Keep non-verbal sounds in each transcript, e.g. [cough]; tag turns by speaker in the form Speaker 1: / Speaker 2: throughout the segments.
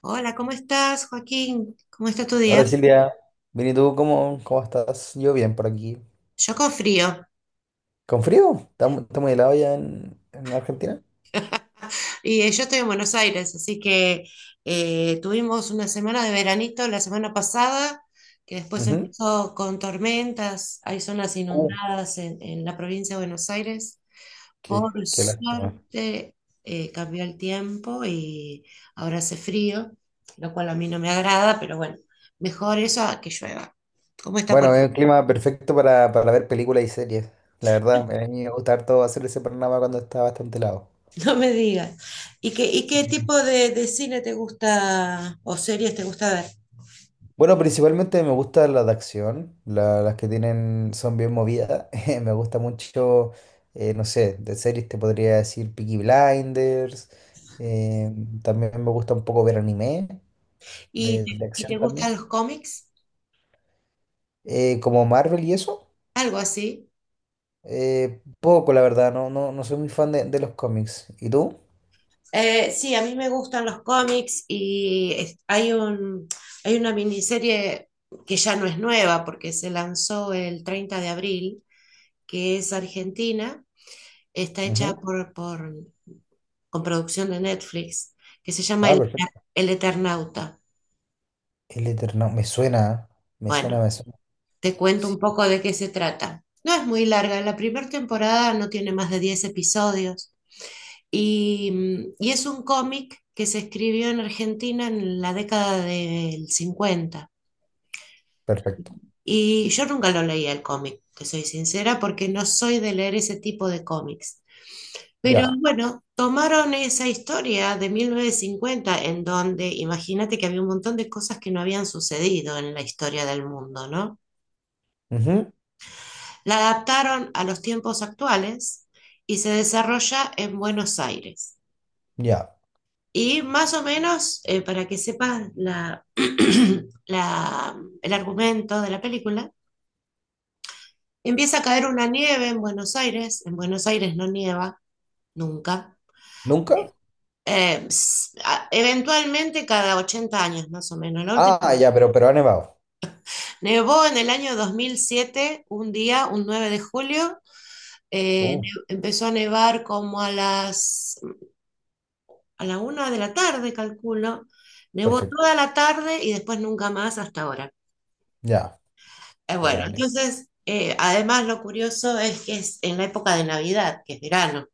Speaker 1: Hola, ¿cómo estás, Joaquín? ¿Cómo está tu día?
Speaker 2: Hola Silvia, bien y tú, ¿cómo estás? Yo bien por aquí.
Speaker 1: Yo con frío
Speaker 2: ¿Con frío? ¿ Está muy helado ya en Argentina?
Speaker 1: y yo estoy en Buenos Aires, así que tuvimos una semana de veranito la semana pasada, que después
Speaker 2: Ujú.
Speaker 1: empezó con tormentas, hay zonas
Speaker 2: Uh,
Speaker 1: inundadas en la provincia de Buenos Aires.
Speaker 2: qué,
Speaker 1: Por
Speaker 2: qué lástima.
Speaker 1: suerte cambió el tiempo y ahora hace frío, lo cual a mí no me agrada, pero bueno, mejor eso a que llueva. ¿Cómo está por...
Speaker 2: Bueno, es un clima perfecto para ver películas y series. La verdad, a mí me gusta harto hacer ese panorama cuando está bastante helado.
Speaker 1: [laughs] No me digas. Y
Speaker 2: Sí.
Speaker 1: qué tipo de cine te gusta o series te gusta ver?
Speaker 2: Bueno, principalmente me gustan las de acción, las que tienen, son bien movidas. [laughs] Me gusta mucho, no sé, de series te podría decir Peaky Blinders. eh, También me gusta un poco ver anime.
Speaker 1: ¿Y,
Speaker 2: de,
Speaker 1: te-
Speaker 2: de
Speaker 1: y te
Speaker 2: acción
Speaker 1: gustan
Speaker 2: también.
Speaker 1: los cómics?
Speaker 2: Como Marvel y eso,
Speaker 1: ¿Algo así?
Speaker 2: poco la verdad, no, no soy muy fan de los cómics. ¿Y tú?
Speaker 1: Sí, a mí me gustan los cómics y hay un, hay una miniserie que ya no es nueva porque se lanzó el 30 de abril, que es Argentina, está hecha
Speaker 2: Ujú.
Speaker 1: por, con producción de Netflix, que se llama
Speaker 2: Ah,
Speaker 1: El,
Speaker 2: perfecto.
Speaker 1: El Eternauta.
Speaker 2: El Eterno, me suena, ¿eh? Me suena,
Speaker 1: Bueno,
Speaker 2: me suena.
Speaker 1: te cuento
Speaker 2: Sí,
Speaker 1: un poco de qué se trata. No es muy larga, la primera temporada no tiene más de 10 episodios y, es un cómic que se escribió en Argentina en la década del 50.
Speaker 2: perfecto.
Speaker 1: Y yo nunca lo leía el cómic, te soy sincera, porque no soy de leer ese tipo de cómics. Pero
Speaker 2: Ya.
Speaker 1: bueno, tomaron esa historia de 1950 en donde imagínate que había un montón de cosas que no habían sucedido en la historia del mundo, ¿no?
Speaker 2: Ujú,
Speaker 1: La adaptaron a los tiempos actuales y se desarrolla en Buenos Aires.
Speaker 2: ya.
Speaker 1: Y más o menos, para que sepas [clears throat] el argumento de la película, empieza a caer una nieve en Buenos Aires. En Buenos Aires no nieva nunca.
Speaker 2: ¿Nunca?
Speaker 1: Eh, Eventualmente cada 80 años más o menos. La última,
Speaker 2: Ah, ya, pero ha nevado.
Speaker 1: nevó en el año 2007 un día, un 9 de julio. Eh,
Speaker 2: Uh,
Speaker 1: empezó a nevar como a la una de la tarde, calculo. Nevó
Speaker 2: perfecto.
Speaker 1: toda la tarde y después nunca más hasta ahora.
Speaker 2: Ya.
Speaker 1: Bueno,
Speaker 2: Pegale.
Speaker 1: entonces, además lo curioso es que es en la época de Navidad, que es verano.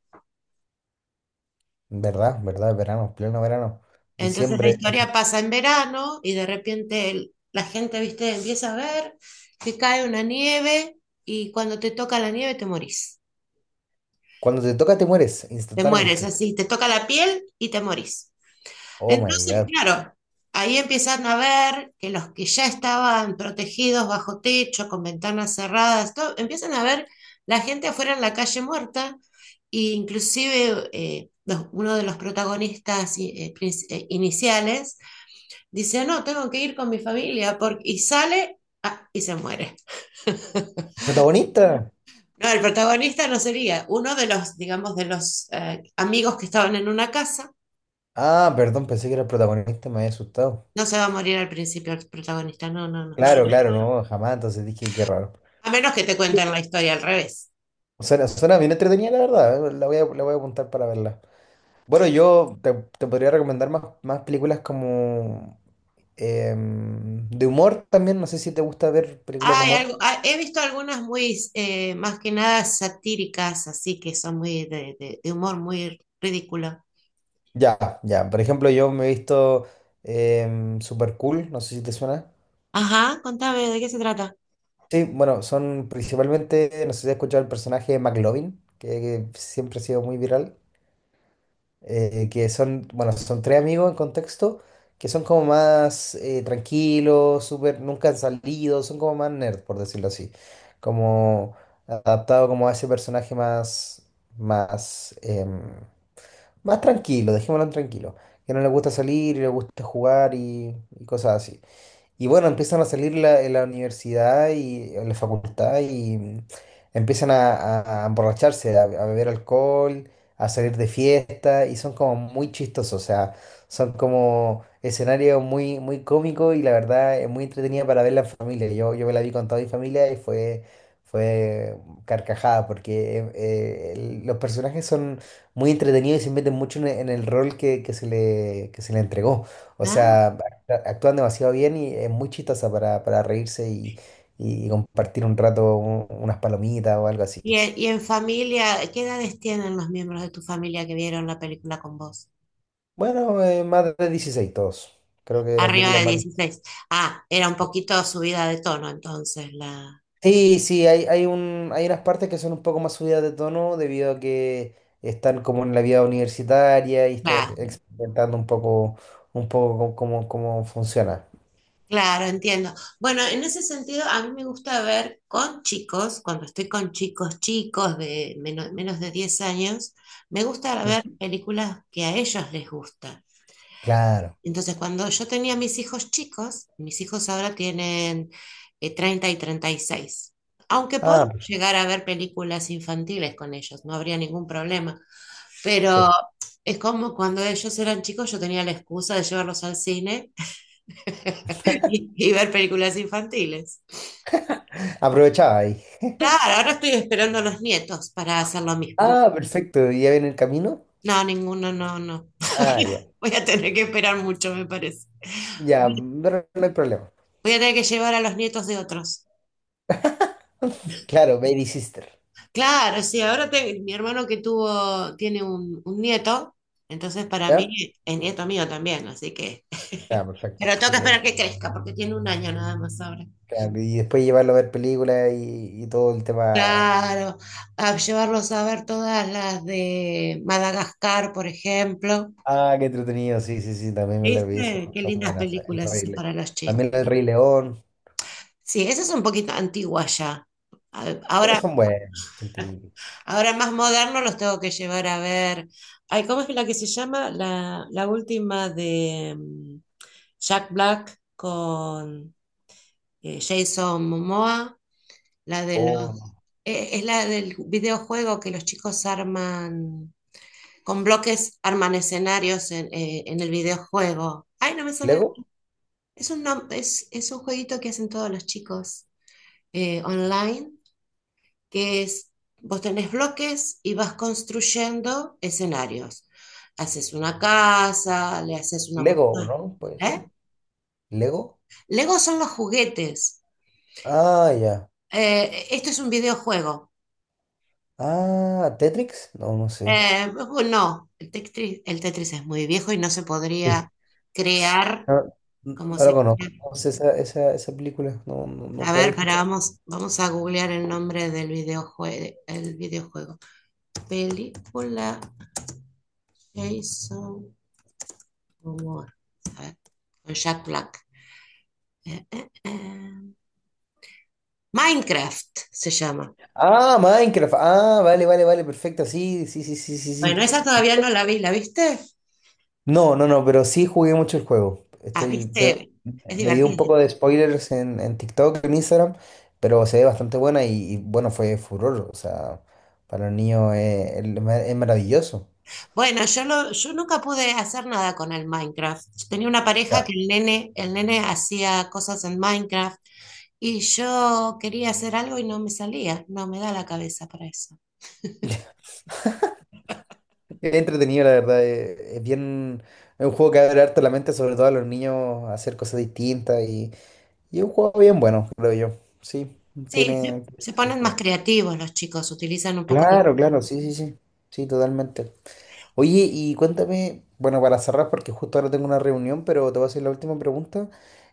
Speaker 2: ¿Verdad? ¿Verdad? Verano, pleno verano.
Speaker 1: Entonces la
Speaker 2: Diciembre.
Speaker 1: historia pasa en verano y de repente la gente, viste, empieza a ver que cae una nieve y cuando te toca la nieve te morís.
Speaker 2: Cuando te toca te mueres
Speaker 1: Te mueres
Speaker 2: instantáneamente.
Speaker 1: así, te toca la piel y te morís.
Speaker 2: Oh my
Speaker 1: Entonces,
Speaker 2: God.
Speaker 1: claro, ahí empiezan a ver que los que ya estaban protegidos bajo techo, con ventanas cerradas, todo, empiezan a ver la gente afuera en la calle muerta, e inclusive uno de los protagonistas iniciales dice, no, tengo que ir con mi familia, porque... y sale y se muere.
Speaker 2: ¿Protagonista?
Speaker 1: No, el protagonista no sería uno de los, digamos, de los amigos que estaban en una casa.
Speaker 2: Ah, perdón, pensé que era el protagonista, me había asustado.
Speaker 1: No se va a morir al principio el protagonista, no, no, no.
Speaker 2: Claro, claro, no, jamás. Entonces dije, qué raro.
Speaker 1: A menos que te cuenten la historia al revés.
Speaker 2: Suena, suena bien entretenida, la verdad. La voy a apuntar para verla. Bueno, yo te, te podría recomendar más películas como de humor también. No sé si te gusta ver películas de
Speaker 1: Hay
Speaker 2: humor.
Speaker 1: algo, he visto algunas muy, más que nada satíricas, así que son muy de, de humor muy ridículo.
Speaker 2: Ya, ya. Por ejemplo, yo me he visto Super Cool. No sé si te suena.
Speaker 1: Ajá, contame, ¿de qué se trata?
Speaker 2: Sí, bueno, son principalmente, no sé si has escuchado el personaje de McLovin, que siempre ha sido muy viral. Que son, bueno, son tres amigos en contexto, que son como más tranquilos, súper, nunca han salido, son como más nerd, por decirlo así, como adaptado como a ese personaje más, más, más tranquilo, dejémoslo en tranquilo, que no le gusta salir y le gusta jugar y cosas así. Y bueno, empiezan a salir en la universidad y en la facultad y empiezan a, a emborracharse, a beber alcohol, a salir de fiesta y son como muy chistosos, o sea, son como escenarios muy, muy cómicos y la verdad es muy entretenida para verla en familia. Yo me la vi con toda mi familia y fue, fue carcajada porque los personajes son muy entretenidos y se meten mucho en el rol que se le entregó. O
Speaker 1: Ah,
Speaker 2: sea, claro, actúan demasiado bien y es muy chistosa para reírse y compartir un rato unas palomitas o algo así.
Speaker 1: y en familia, ¿qué edades tienen los miembros de tu familia que vieron la película con vos?
Speaker 2: Bueno, más de 16 todos. Creo que la
Speaker 1: Arriba
Speaker 2: película es
Speaker 1: de
Speaker 2: más de
Speaker 1: 16. Ah, era un
Speaker 2: 16.
Speaker 1: poquito subida de tono entonces la...
Speaker 2: Sí, sí, hay un, hay unas partes que son un poco más subidas de tono debido a que están como en la vida universitaria y están experimentando un poco cómo, cómo funciona.
Speaker 1: Claro, entiendo. Bueno, en ese sentido, a mí me gusta ver con chicos, cuando estoy con chicos, chicos de menos de 10 años, me gusta ver
Speaker 2: Mm.
Speaker 1: películas que a ellos les gustan.
Speaker 2: Claro.
Speaker 1: Entonces, cuando yo tenía mis hijos chicos, mis hijos ahora tienen 30 y 36. Aunque puedo
Speaker 2: Ah,
Speaker 1: llegar a ver películas infantiles con ellos, no habría ningún problema. Pero
Speaker 2: perfecto.
Speaker 1: es como cuando ellos eran chicos, yo tenía la excusa de llevarlos al cine [laughs] y ver películas infantiles.
Speaker 2: Aprovechaba ahí.
Speaker 1: Claro, ahora estoy esperando a los nietos para hacer lo mismo.
Speaker 2: Ah, [laughs] perfecto. ¿Ya viene el camino?
Speaker 1: No, ninguno, no, no.
Speaker 2: Ah, ya.
Speaker 1: Voy a tener que esperar mucho, me parece.
Speaker 2: Ya,
Speaker 1: Voy
Speaker 2: pero no hay problema.
Speaker 1: a tener que llevar a los nietos de otros.
Speaker 2: Claro, Baby Sister.
Speaker 1: Claro, sí, ahora mi hermano que tuvo, tiene un, nieto, entonces para
Speaker 2: ¿Ya?
Speaker 1: mí es nieto mío también, así que...
Speaker 2: Ya,
Speaker 1: [laughs]
Speaker 2: perfecto.
Speaker 1: Pero tengo que
Speaker 2: Increíble.
Speaker 1: esperar que crezca porque tiene 1 año nada más ahora.
Speaker 2: Claro, y después llevarlo a ver películas y todo el tema.
Speaker 1: Claro, a llevarlos a ver todas las de Madagascar, por ejemplo.
Speaker 2: Ah, qué entretenido. Sí, sí, sí, también me la vi.
Speaker 1: ¿Viste?
Speaker 2: Son,
Speaker 1: Qué
Speaker 2: son
Speaker 1: lindas
Speaker 2: buenas. El
Speaker 1: películas
Speaker 2: Rey
Speaker 1: esas
Speaker 2: Le-
Speaker 1: para los chicos.
Speaker 2: También el Rey León.
Speaker 1: Sí, esa es un poquito antigua ya.
Speaker 2: Pero
Speaker 1: Ahora,
Speaker 2: son buenas, son típicas.
Speaker 1: ahora más moderno los tengo que llevar a ver. Ay, ¿cómo es la que se llama? La última de Jack Black con Jason Momoa, la de
Speaker 2: Oh,
Speaker 1: los,
Speaker 2: no.
Speaker 1: es la del videojuego que los chicos arman, con bloques arman escenarios en, en el videojuego. Ay, no me sale.
Speaker 2: ¿Lego?
Speaker 1: Es un, es un jueguito que hacen todos los chicos online que es, vos tenés bloques y vas construyendo escenarios. Haces una casa, le haces una
Speaker 2: ¿Lego,
Speaker 1: montaña.
Speaker 2: no? Puede ser.
Speaker 1: ¿Eh?
Speaker 2: ¿Lego?
Speaker 1: Lego son los juguetes.
Speaker 2: Ah, ya.
Speaker 1: Esto es un videojuego.
Speaker 2: Ah, ¿Tetrix? No, no sé.
Speaker 1: Bueno, no, el Tetris es muy viejo y no se
Speaker 2: Sí.
Speaker 1: podría
Speaker 2: [laughs]
Speaker 1: crear
Speaker 2: No,
Speaker 1: como
Speaker 2: no la
Speaker 1: se...
Speaker 2: conozco. No sé esa, esa, esa película. No, no-
Speaker 1: A
Speaker 2: nunca la había
Speaker 1: ver, para,
Speaker 2: escuchado.
Speaker 1: vamos, vamos a googlear el nombre del el videojuego. Película Jason Momoa. A ver, con Jack Black. eh, eh, eh. Minecraft se llama.
Speaker 2: Ah, Minecraft. Ah, vale, vale, vale, perfecto. Sí, sí, sí, sí, sí, sí.
Speaker 1: Bueno, esa todavía no la vi, ¿la viste?
Speaker 2: No, no, no, pero sí jugué mucho el juego.
Speaker 1: Ah,
Speaker 2: Estoy, pero
Speaker 1: viste, es
Speaker 2: me dio un poco
Speaker 1: divertido.
Speaker 2: de spoilers en TikTok, en Instagram, pero se ve bastante buena y, bueno, fue furor. O sea, para los niños es, es maravilloso.
Speaker 1: Bueno, yo nunca pude hacer nada con el Minecraft. Yo tenía una pareja que
Speaker 2: Ya.
Speaker 1: el nene hacía cosas en Minecraft y yo quería hacer algo y no me salía, no me da la cabeza para eso.
Speaker 2: [laughs] Es entretenido, la verdad. Es bien, es un juego que abre harto la mente, sobre todo a los niños, a hacer cosas distintas y es un juego bien bueno, creo yo. Sí,
Speaker 1: Sí, se,
Speaker 2: tiene...
Speaker 1: se ponen más creativos los chicos, utilizan un poco de
Speaker 2: Claro, claro, sí,
Speaker 1: inteligencia.
Speaker 2: sí, sí, sí, totalmente. Oye, y cuéntame, bueno, para cerrar, porque justo ahora tengo una reunión, pero te voy a hacer la última pregunta.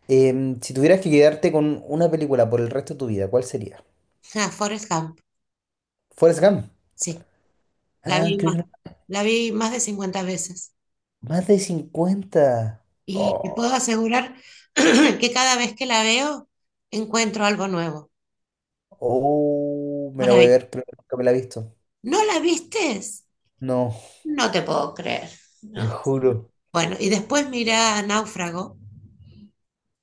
Speaker 2: Si tuvieras que quedarte con una película por el resto de tu vida, ¿cuál sería?
Speaker 1: Ah, Forrest Gump,
Speaker 2: Forrest Gump.
Speaker 1: sí. La
Speaker 2: Ah,
Speaker 1: vi
Speaker 2: creo que
Speaker 1: más,
Speaker 2: no-
Speaker 1: la vi más de 50 veces.
Speaker 2: más de 50.
Speaker 1: Y te
Speaker 2: Oh,
Speaker 1: puedo asegurar [clears throat] que cada vez que la veo, encuentro algo nuevo.
Speaker 2: oh, me la voy a
Speaker 1: Maravilloso.
Speaker 2: ver, pero nunca me la he visto.
Speaker 1: ¿No la vistes?
Speaker 2: No,
Speaker 1: No te puedo creer.
Speaker 2: te lo
Speaker 1: ¿No?
Speaker 2: juro.
Speaker 1: Bueno, y después mira Náufrago,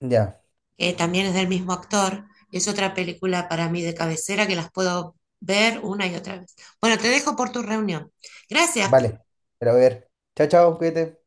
Speaker 2: Ya,
Speaker 1: que también es del mismo actor. Es otra película para mí de cabecera que las puedo ver una y otra vez. Bueno, te dejo por tu reunión. Gracias.
Speaker 2: vale, me la voy a ver. Chao, chao, cuídate.